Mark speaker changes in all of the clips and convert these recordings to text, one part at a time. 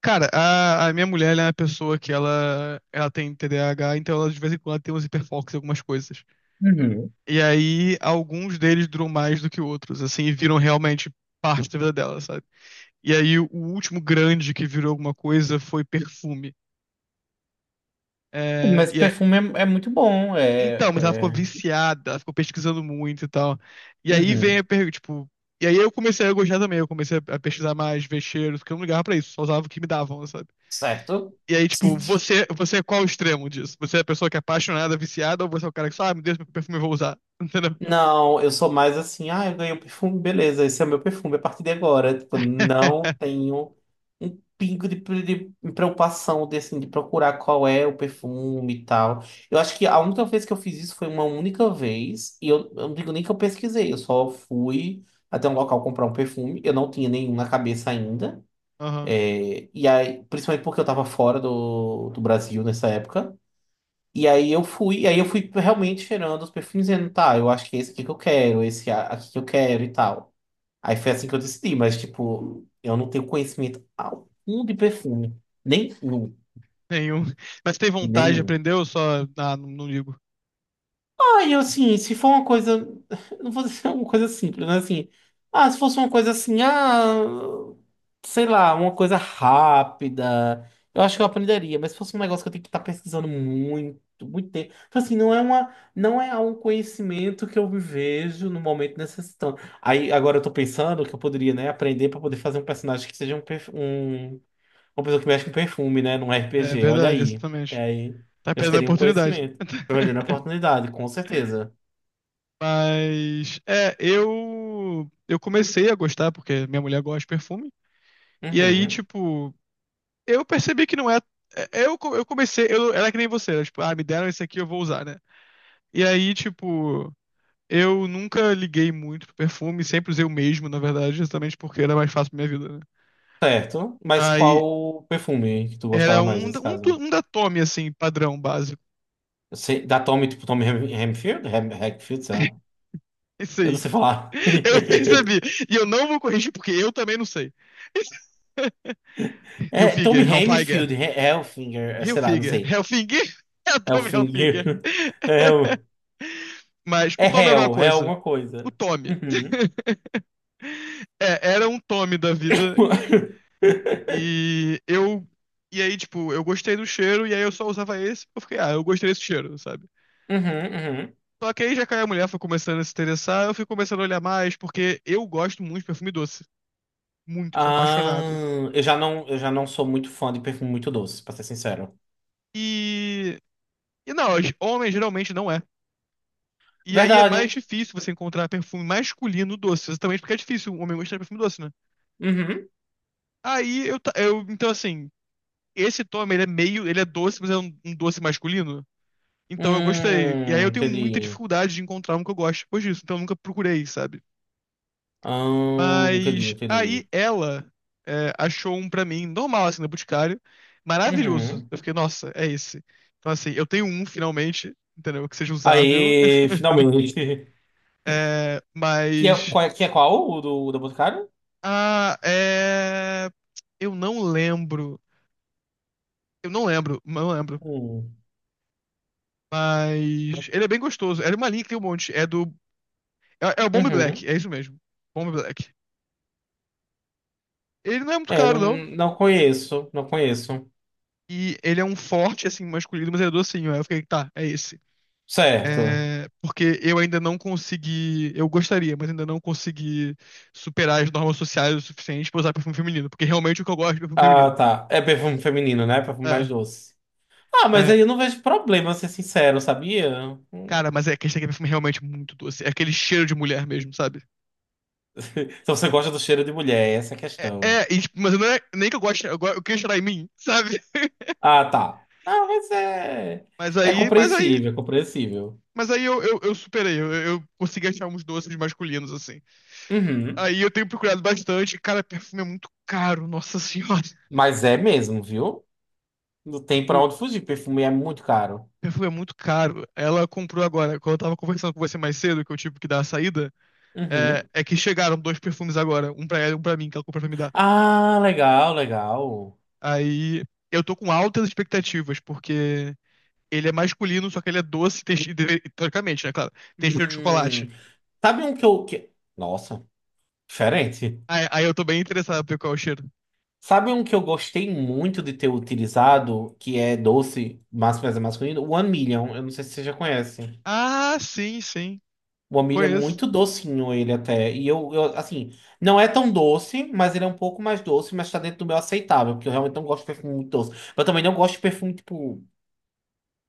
Speaker 1: Cara, a minha mulher, ela é uma pessoa que ela tem TDAH, então ela de vez em quando ela tem uns hiperfocos em algumas coisas.
Speaker 2: Uhum.
Speaker 1: E aí, alguns deles duram mais do que outros, assim, e viram realmente parte da vida dela, sabe? E aí, o último grande que virou alguma coisa foi perfume. É,
Speaker 2: Mas
Speaker 1: e é-
Speaker 2: perfume é, muito bom,
Speaker 1: então, mas ela ficou
Speaker 2: é-
Speaker 1: viciada, ela ficou pesquisando muito e tal. E aí vem a
Speaker 2: Uhum.
Speaker 1: pergunta, tipo... E aí eu comecei a gostar também, eu comecei a pesquisar mais, ver cheiros, porque eu não ligava pra isso, só usava o que me davam.
Speaker 2: Certo?
Speaker 1: E aí, tipo, você é qual o extremo disso? Você é a pessoa que é apaixonada, viciada, ou você é o cara que só ah, me deixa meu perfume, eu vou usar? Entendeu?
Speaker 2: Não, eu sou mais assim, ah, eu ganhei um perfume, beleza, esse é meu perfume a partir de agora. Tipo, não tenho um pingo de, de preocupação de, assim, de procurar qual é o perfume e tal. Eu acho que a única vez que eu fiz isso foi uma única vez, e eu não digo nem que eu pesquisei, eu só fui até um local comprar um perfume, eu não tinha nenhum na cabeça ainda.
Speaker 1: Aham.
Speaker 2: É, e aí, principalmente porque eu tava fora do Brasil nessa época. E aí eu fui, e aí eu fui realmente cheirando os perfumes dizendo, tá, eu acho que é esse aqui que eu quero, aqui que eu quero e tal. Aí foi assim que eu decidi, mas tipo, eu não tenho conhecimento algum de perfume. Nenhum,
Speaker 1: Nenhum. Mas tem vontade,
Speaker 2: nenhum.
Speaker 1: aprendeu, só. Ah, não, não ligo.
Speaker 2: Ah, eu assim, se for uma coisa. Não vou dizer uma coisa simples, né? Assim, ah, se fosse uma coisa assim, ah, sei lá, uma coisa rápida, eu acho que eu aprenderia, mas se fosse um negócio que eu tenho que estar pesquisando muito, muito tempo. Tipo assim, não é um conhecimento que eu me vejo no momento necessitando. Aí agora eu tô pensando que eu poderia, né, aprender para poder fazer um personagem que seja um uma pessoa que mexe com perfume, né? Num
Speaker 1: É
Speaker 2: RPG, olha
Speaker 1: verdade,
Speaker 2: aí. E
Speaker 1: exatamente.
Speaker 2: aí,
Speaker 1: Tá
Speaker 2: já
Speaker 1: perdendo a
Speaker 2: seria um
Speaker 1: oportunidade.
Speaker 2: conhecimento. Olhando a oportunidade, com certeza.
Speaker 1: Mas. É, eu. Eu comecei a gostar, porque minha mulher gosta de perfume. E aí,
Speaker 2: Uhum.
Speaker 1: tipo, eu percebi que não é. É, eu comecei. Eu era que nem você, era tipo, ah, me deram esse aqui, eu vou usar, né? E aí, tipo. Eu nunca liguei muito pro perfume, sempre usei o mesmo, na verdade, justamente porque era mais fácil pra minha vida, né?
Speaker 2: Certo. Mas
Speaker 1: Aí
Speaker 2: qual perfume que tu
Speaker 1: era
Speaker 2: gostava mais
Speaker 1: um, da-
Speaker 2: nesse
Speaker 1: um, tu-
Speaker 2: caso?
Speaker 1: um da Tommy, assim, padrão básico.
Speaker 2: Da Tommy, tipo Hemfield? Hem, Hackfield, sei lá.
Speaker 1: Isso
Speaker 2: Eu não
Speaker 1: aí.
Speaker 2: sei falar.
Speaker 1: Eu percebi. E eu não vou corrigir porque eu também não sei.
Speaker 2: É,
Speaker 1: Hilfiger,
Speaker 2: Tommy Hemfield,
Speaker 1: Halfiger,
Speaker 2: Hellfinger, é, sei lá, não
Speaker 1: Hilfiger,
Speaker 2: sei.
Speaker 1: Helfinger, é o Tommy Hilfiger.
Speaker 2: Hellfinger. É, o-
Speaker 1: Mas o
Speaker 2: É
Speaker 1: Tommy é alguma
Speaker 2: Hell, é
Speaker 1: coisa.
Speaker 2: alguma
Speaker 1: O
Speaker 2: coisa.
Speaker 1: Tommy.
Speaker 2: Uhum.
Speaker 1: É, era um Tommy da vida. E eu. E aí, tipo, eu gostei do cheiro, e aí eu só usava esse, eu fiquei, ah, eu gostei desse cheiro, sabe?
Speaker 2: Uhum, uhum.
Speaker 1: Só que aí já caiu a mulher, foi começando a se interessar, eu fui começando a olhar mais, porque eu gosto muito de perfume doce. Muito, eu sou
Speaker 2: Ah,
Speaker 1: apaixonado.
Speaker 2: eu já não sou muito fã de perfume muito doce, pra ser sincero.
Speaker 1: E. E não, homem geralmente não é. E aí é mais
Speaker 2: Verdade.
Speaker 1: difícil você encontrar perfume masculino doce, exatamente porque é difícil um homem gostar de perfume doce, né?
Speaker 2: Uhum.
Speaker 1: Eu então assim, esse Tommy, ele é meio, ele é doce, mas é um doce masculino. Então eu gostei. E aí eu tenho muita
Speaker 2: Entendi.
Speaker 1: dificuldade de encontrar um que eu goste depois disso. Então eu nunca procurei, sabe?
Speaker 2: Ah, entendi,
Speaker 1: Mas aí
Speaker 2: entendi.
Speaker 1: ela, é, achou um pra mim, normal, assim, na Boticário. Maravilhoso.
Speaker 2: Uhum.
Speaker 1: Eu fiquei, nossa, é esse. Então, assim, eu tenho um finalmente, entendeu? Que seja usável.
Speaker 2: Aí, finalmente.
Speaker 1: É, mas.
Speaker 2: Que é qual? O da Boticário?
Speaker 1: Ah, é. Eu não lembro. Eu não lembro, não lembro.
Speaker 2: Hum.
Speaker 1: Mas. Ele é bem gostoso. É uma linha que tem um monte. É do. É, é o Bomb
Speaker 2: Uhum.
Speaker 1: Black, é isso mesmo. Bomb Black. Ele não é muito
Speaker 2: É, não,
Speaker 1: caro, não.
Speaker 2: não conheço, não conheço.
Speaker 1: E ele é um forte, assim, masculino, mas ele é docinho. Aí eu fiquei, tá, é esse.
Speaker 2: Certo.
Speaker 1: É, porque eu ainda não consegui. Eu gostaria, mas ainda não consegui superar as normas sociais o suficiente pra usar perfume feminino. Porque realmente o que eu gosto é perfume
Speaker 2: Ah,
Speaker 1: feminino.
Speaker 2: tá. É perfume feminino, né? Perfume mais
Speaker 1: É,
Speaker 2: doce. Ah, mas
Speaker 1: é.
Speaker 2: aí eu não vejo problema, ser sincero, sabia? Hum.
Speaker 1: Cara, mas é que esse aqui é perfume é realmente muito doce. É aquele cheiro de mulher mesmo, sabe?
Speaker 2: Se você gosta do cheiro de mulher, essa é a
Speaker 1: É,
Speaker 2: questão.
Speaker 1: é e tipo, mas não é nem que eu goste, eu queria cheirar em mim, sabe?
Speaker 2: Ah, tá. Ah, mas é.
Speaker 1: Mas
Speaker 2: É
Speaker 1: aí, mas aí,
Speaker 2: compreensível, é compreensível.
Speaker 1: mas aí eu, eu superei. Eu consegui achar uns doces masculinos, assim.
Speaker 2: Uhum.
Speaker 1: Aí eu tenho procurado bastante. Cara, perfume é muito caro, nossa senhora.
Speaker 2: Mas é mesmo, viu? Não tem pra
Speaker 1: Tipo,
Speaker 2: onde fugir. Perfume é muito caro.
Speaker 1: perfume é muito caro. Ela comprou agora, quando eu tava conversando com você mais cedo, que eu tive que dar a saída. é,
Speaker 2: Uhum.
Speaker 1: é que chegaram dois perfumes agora, um pra ela e um pra mim, que ela comprou pra me dar.
Speaker 2: Ah, legal, legal.
Speaker 1: Aí eu tô com altas expectativas, porque ele é masculino, só que ele é doce, e tem, che- deve- teoricamente, né, claro, tem cheiro de
Speaker 2: Hum.
Speaker 1: chocolate.
Speaker 2: Sabe um que eu. Que... Nossa, diferente.
Speaker 1: Aí eu tô bem interessado pra ver qual é o cheiro.
Speaker 2: Sabe um que eu gostei muito de ter utilizado, que é doce, mas é masculino? One Million. Eu não sei se você já conhece.
Speaker 1: Ah, sim, sim,
Speaker 2: O milho é
Speaker 1: conheço.
Speaker 2: muito docinho ele até. E assim, não é tão doce, mas ele é um pouco mais doce, mas tá dentro do meu aceitável, porque eu realmente não gosto de perfume muito doce. Eu também não gosto de perfume, tipo,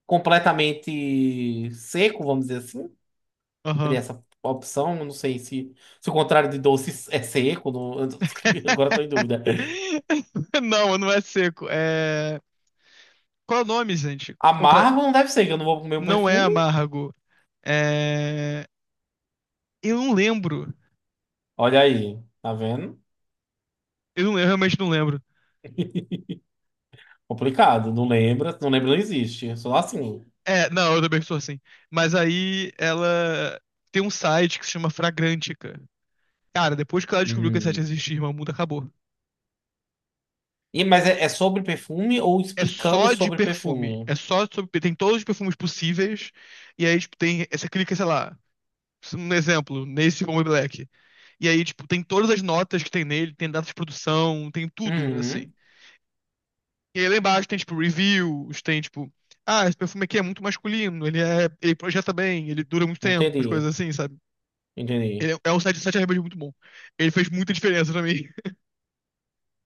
Speaker 2: completamente seco, vamos dizer assim. Teria
Speaker 1: Aham.
Speaker 2: essa opção, eu não sei se, se o contrário de doce é seco, eu não- agora eu tô em dúvida.
Speaker 1: Não, não é seco, é... Qual é o nome, gente? Contra...
Speaker 2: Amargo não deve ser, que eu não vou comer um
Speaker 1: Não é
Speaker 2: perfume.
Speaker 1: Amargo. É... Eu não lembro.
Speaker 2: Olha aí, tá vendo?
Speaker 1: Eu, não- eu realmente não lembro.
Speaker 2: Complicado, não lembra, não lembra, não existe. Só assim.
Speaker 1: É, não, eu também sou assim. Mas aí ela tem um site que se chama Fragrantica. Cara, depois que ela descobriu que esse site
Speaker 2: Hum.
Speaker 1: existia, irmão, o mundo acabou.
Speaker 2: E, mas é, é sobre perfume ou
Speaker 1: É
Speaker 2: explicando
Speaker 1: só de
Speaker 2: sobre
Speaker 1: perfume.
Speaker 2: perfume?
Speaker 1: É só sobre... Tem todos os perfumes possíveis. E aí, tipo, tem... Você clica, sei lá, um exemplo, nesse Bomba Black. E aí, tipo, tem todas as notas que tem nele, tem data de produção, tem tudo, assim.
Speaker 2: Uhum,
Speaker 1: E aí lá embaixo tem, tipo, reviews, tem, tipo, ah, esse perfume aqui é muito masculino, ele é, ele projeta bem, ele dura muito tempo, as coisas
Speaker 2: entendi,
Speaker 1: assim, sabe?
Speaker 2: entendi.
Speaker 1: Ele é, é um site realmente muito bom. Ele fez muita diferença pra mim.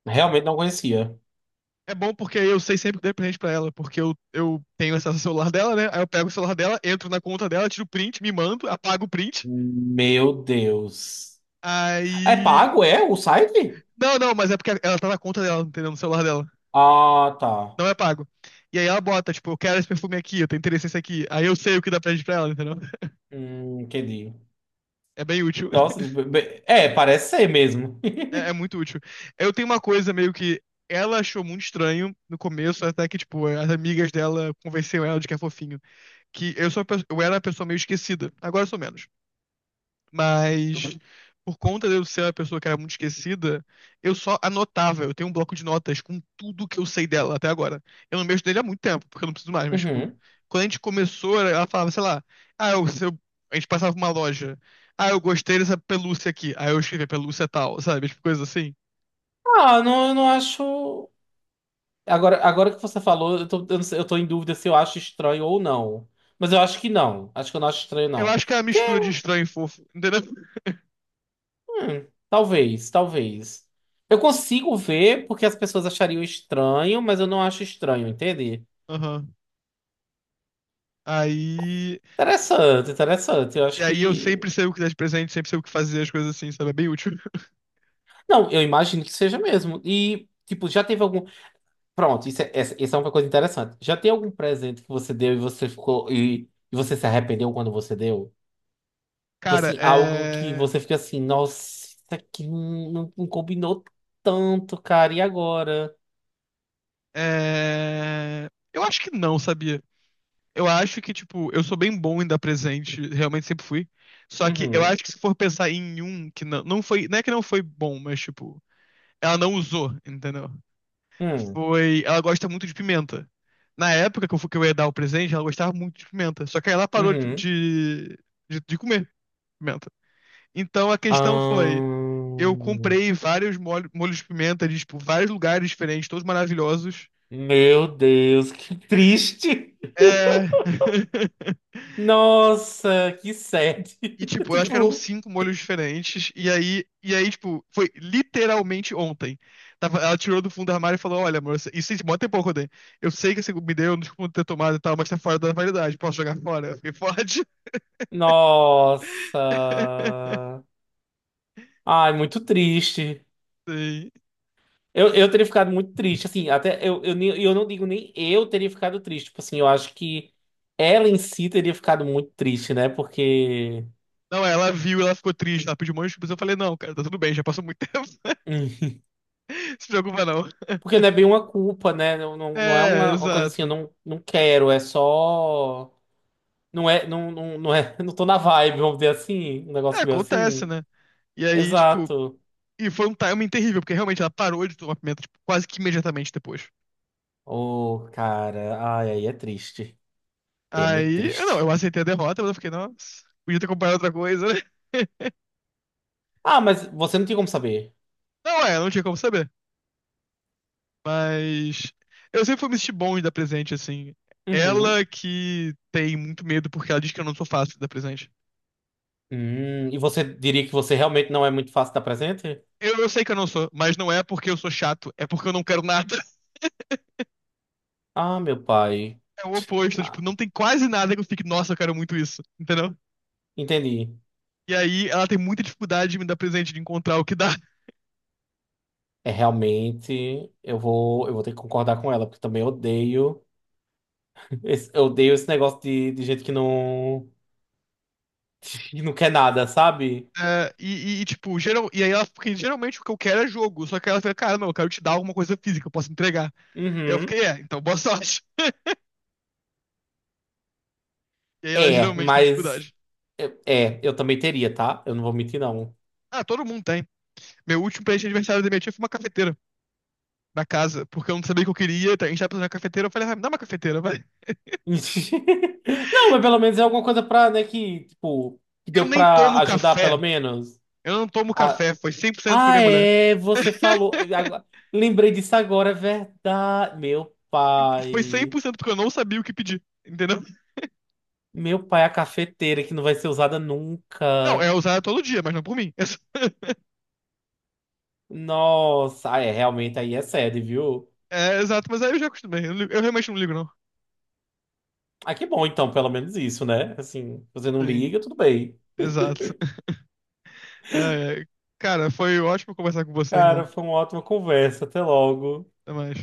Speaker 2: Realmente não conhecia.
Speaker 1: É bom porque eu sei sempre que dei presente pra ela, porque eu tenho acesso ao celular dela, né? Aí eu pego o celular dela, entro na conta dela, tiro o print, me mando, apago o print.
Speaker 2: Meu Deus. É
Speaker 1: Aí.
Speaker 2: pago, é, o site?
Speaker 1: Não, não, mas é porque ela tá na conta dela, entendeu? No celular dela.
Speaker 2: Ah, tá.
Speaker 1: Não é pago. E aí ela bota, tipo, eu quero esse perfume aqui, eu tenho interesse nesse aqui. Aí eu sei o que dá presente pra ela, entendeu?
Speaker 2: Entendi.
Speaker 1: É bem útil.
Speaker 2: Nossa, é, parece ser mesmo.
Speaker 1: É, é muito útil. Eu tenho uma coisa meio que ela achou muito estranho no começo, até que, tipo, as amigas dela convenceram ela de que é fofinho. Que eu sou, a pe- eu era a pessoa meio esquecida. Agora eu sou menos. Mas por conta de eu ser a pessoa que era muito esquecida, eu só anotava. Eu tenho um bloco de notas com tudo que eu sei dela até agora. Eu não mexo nele há muito tempo, porque eu não preciso mais, mas, tipo,
Speaker 2: Uhum.
Speaker 1: quando a gente começou, ela falava, sei lá, ah, eu, se eu- a gente passava por uma loja. Ah, eu gostei dessa pelúcia aqui. Aí eu escrevia pelúcia tal, sabe? Tipo, coisa assim.
Speaker 2: Ah, não, eu não acho. Agora, agora que você falou, eu tô, eu não sei- eu tô em dúvida se eu acho estranho ou não. Mas eu acho que não. Acho que eu não acho estranho,
Speaker 1: Eu
Speaker 2: não.
Speaker 1: acho que é a
Speaker 2: Porque
Speaker 1: mistura de estranho e fofo, entendeu?
Speaker 2: hum, talvez, talvez. Eu consigo ver porque as pessoas achariam estranho, mas eu não acho estranho, entende?
Speaker 1: Aham. Aí.
Speaker 2: Interessante, interessante. Eu
Speaker 1: E
Speaker 2: acho
Speaker 1: aí eu
Speaker 2: que.
Speaker 1: sempre sei o que dar de presente, sempre sei o que fazer, as coisas assim, sabe? É bem útil.
Speaker 2: Não, eu imagino que seja mesmo. E, tipo, já teve algum. Pronto, isso é uma coisa interessante. Já tem algum presente que você deu e você ficou. E você se arrependeu quando você deu? Tipo
Speaker 1: Cara,
Speaker 2: assim, algo que
Speaker 1: é.
Speaker 2: você fica assim, nossa, isso aqui não, não combinou tanto, cara, e agora?
Speaker 1: É. Eu acho que não, sabia? Eu acho que, tipo, eu sou bem bom em dar presente, realmente sempre fui. Só que eu
Speaker 2: Uhum,
Speaker 1: acho que se for pensar em um que não, não foi, não é que não foi bom, mas, tipo, ela não usou, entendeu?
Speaker 2: uhum,
Speaker 1: Foi, ela gosta muito de pimenta. Na época que eu, fu- que eu ia dar o presente, ela gostava muito de pimenta. Só que aí ela parou de,
Speaker 2: uhum.
Speaker 1: de, de- de comer pimenta. Então a
Speaker 2: Ah,
Speaker 1: questão foi, eu comprei vários molho- molhos de pimenta de, tipo, vários lugares diferentes, todos maravilhosos.
Speaker 2: meu Deus, que triste.
Speaker 1: É.
Speaker 2: Nossa, que sad.
Speaker 1: E, tipo, eu acho que eram
Speaker 2: Tipo,
Speaker 1: cinco molhos diferentes. E aí, tipo, foi literalmente ontem. Tava, ela tirou do fundo do armário e falou: Olha, amor, isso tem mó tempo que eu sei que você me deu, eu não desculpa ter tomado e tal, mas tá fora da validade. Posso jogar fora? Eu fiquei, pode.
Speaker 2: nossa. Ai, muito triste.
Speaker 1: Sim.
Speaker 2: Eu teria ficado muito triste, assim, até eu não digo nem eu teria ficado triste, tipo assim, eu acho que ela em si teria ficado muito triste, né? Porque.
Speaker 1: Não, ela viu, ela ficou triste, ela pediu um monte de desculpas. Eu falei: Não, cara, tá tudo bem, já passou muito tempo.
Speaker 2: Hum,
Speaker 1: Se preocupa, não.
Speaker 2: porque não é bem uma culpa, né? Não, não é
Speaker 1: É,
Speaker 2: uma coisa assim, eu
Speaker 1: exato.
Speaker 2: não, não quero, é só. Não é, não é, não tô na vibe, vamos dizer assim, um
Speaker 1: É,
Speaker 2: negócio meio
Speaker 1: acontece,
Speaker 2: assim.
Speaker 1: né? E aí, tipo,
Speaker 2: Exato.
Speaker 1: e foi um timing terrível, porque realmente ela parou de tomar pimenta, tipo, quase que imediatamente depois.
Speaker 2: Ô, cara, ai, aí é triste. Aí é muito
Speaker 1: Aí, eu não, eu
Speaker 2: triste.
Speaker 1: aceitei a derrota, mas eu fiquei, nossa, podia ter comprado outra coisa, né?
Speaker 2: Ah, mas você não tinha como saber.
Speaker 1: Não é, não tinha como saber. Mas eu sempre fui me sentir bom de dar presente, assim.
Speaker 2: Uhum.
Speaker 1: Ela que tem muito medo porque ela diz que eu não sou fácil de dar presente.
Speaker 2: E você diria que você realmente não é muito fácil dar presente?
Speaker 1: Eu sei que eu não sou, mas não é porque eu sou chato, é porque eu não quero nada.
Speaker 2: Ah, meu pai.
Speaker 1: É o oposto, tipo,
Speaker 2: Ah,
Speaker 1: não tem quase nada que eu fique, nossa, eu quero muito isso, entendeu?
Speaker 2: entendi.
Speaker 1: E aí ela tem muita dificuldade de me dar presente, de encontrar o que dá.
Speaker 2: É realmente, eu vou ter que concordar com ela, porque também odeio, esse, eu odeio esse negócio de, gente que não quer nada, sabe?
Speaker 1: E, tipo, geral, e aí ela, porque geralmente o que eu quero é jogo, só que ela fica, cara, não, eu quero te dar alguma coisa física, eu posso entregar. E eu
Speaker 2: Uhum.
Speaker 1: fiquei, é, então boa sorte. E aí ela
Speaker 2: É,
Speaker 1: geralmente tem
Speaker 2: mas
Speaker 1: dificuldade.
Speaker 2: É, eu também teria, tá? Eu não vou mentir, não.
Speaker 1: Ah, todo mundo tem. Meu último presente de aniversário da minha tia foi uma cafeteira na casa, porque eu não sabia o que eu queria, então a gente tava precisando de uma cafeteira, eu falei, ah, me dá uma cafeteira, vai.
Speaker 2: Não, mas pelo menos é alguma coisa pra, né, que, tipo, que
Speaker 1: Eu
Speaker 2: deu
Speaker 1: nem
Speaker 2: pra
Speaker 1: tomo
Speaker 2: ajudar, pelo
Speaker 1: café,
Speaker 2: menos.
Speaker 1: eu não tomo
Speaker 2: Ah,
Speaker 1: café, foi 100% pra
Speaker 2: ah,
Speaker 1: minha mulher.
Speaker 2: é, você falou. Lembrei disso agora, é verdade. Meu
Speaker 1: Foi cem
Speaker 2: pai.
Speaker 1: por cento porque eu não sabia o que pedir, entendeu?
Speaker 2: Meu pai, é a cafeteira que não vai ser usada
Speaker 1: Não,
Speaker 2: nunca.
Speaker 1: é usada todo dia, mas não por mim.
Speaker 2: Nossa, ah, é, realmente aí é sede, viu?
Speaker 1: É, é, exato, mas aí eu já acostumei, eu, não ligo- eu realmente não ligo, não.
Speaker 2: Ah, que bom, então, pelo menos isso, né? Assim, você não
Speaker 1: Sim,
Speaker 2: liga, tudo bem.
Speaker 1: exato. É, é. Cara, foi ótimo conversar com você,
Speaker 2: Cara,
Speaker 1: irmão.
Speaker 2: foi uma ótima conversa. Até logo.
Speaker 1: Até mais.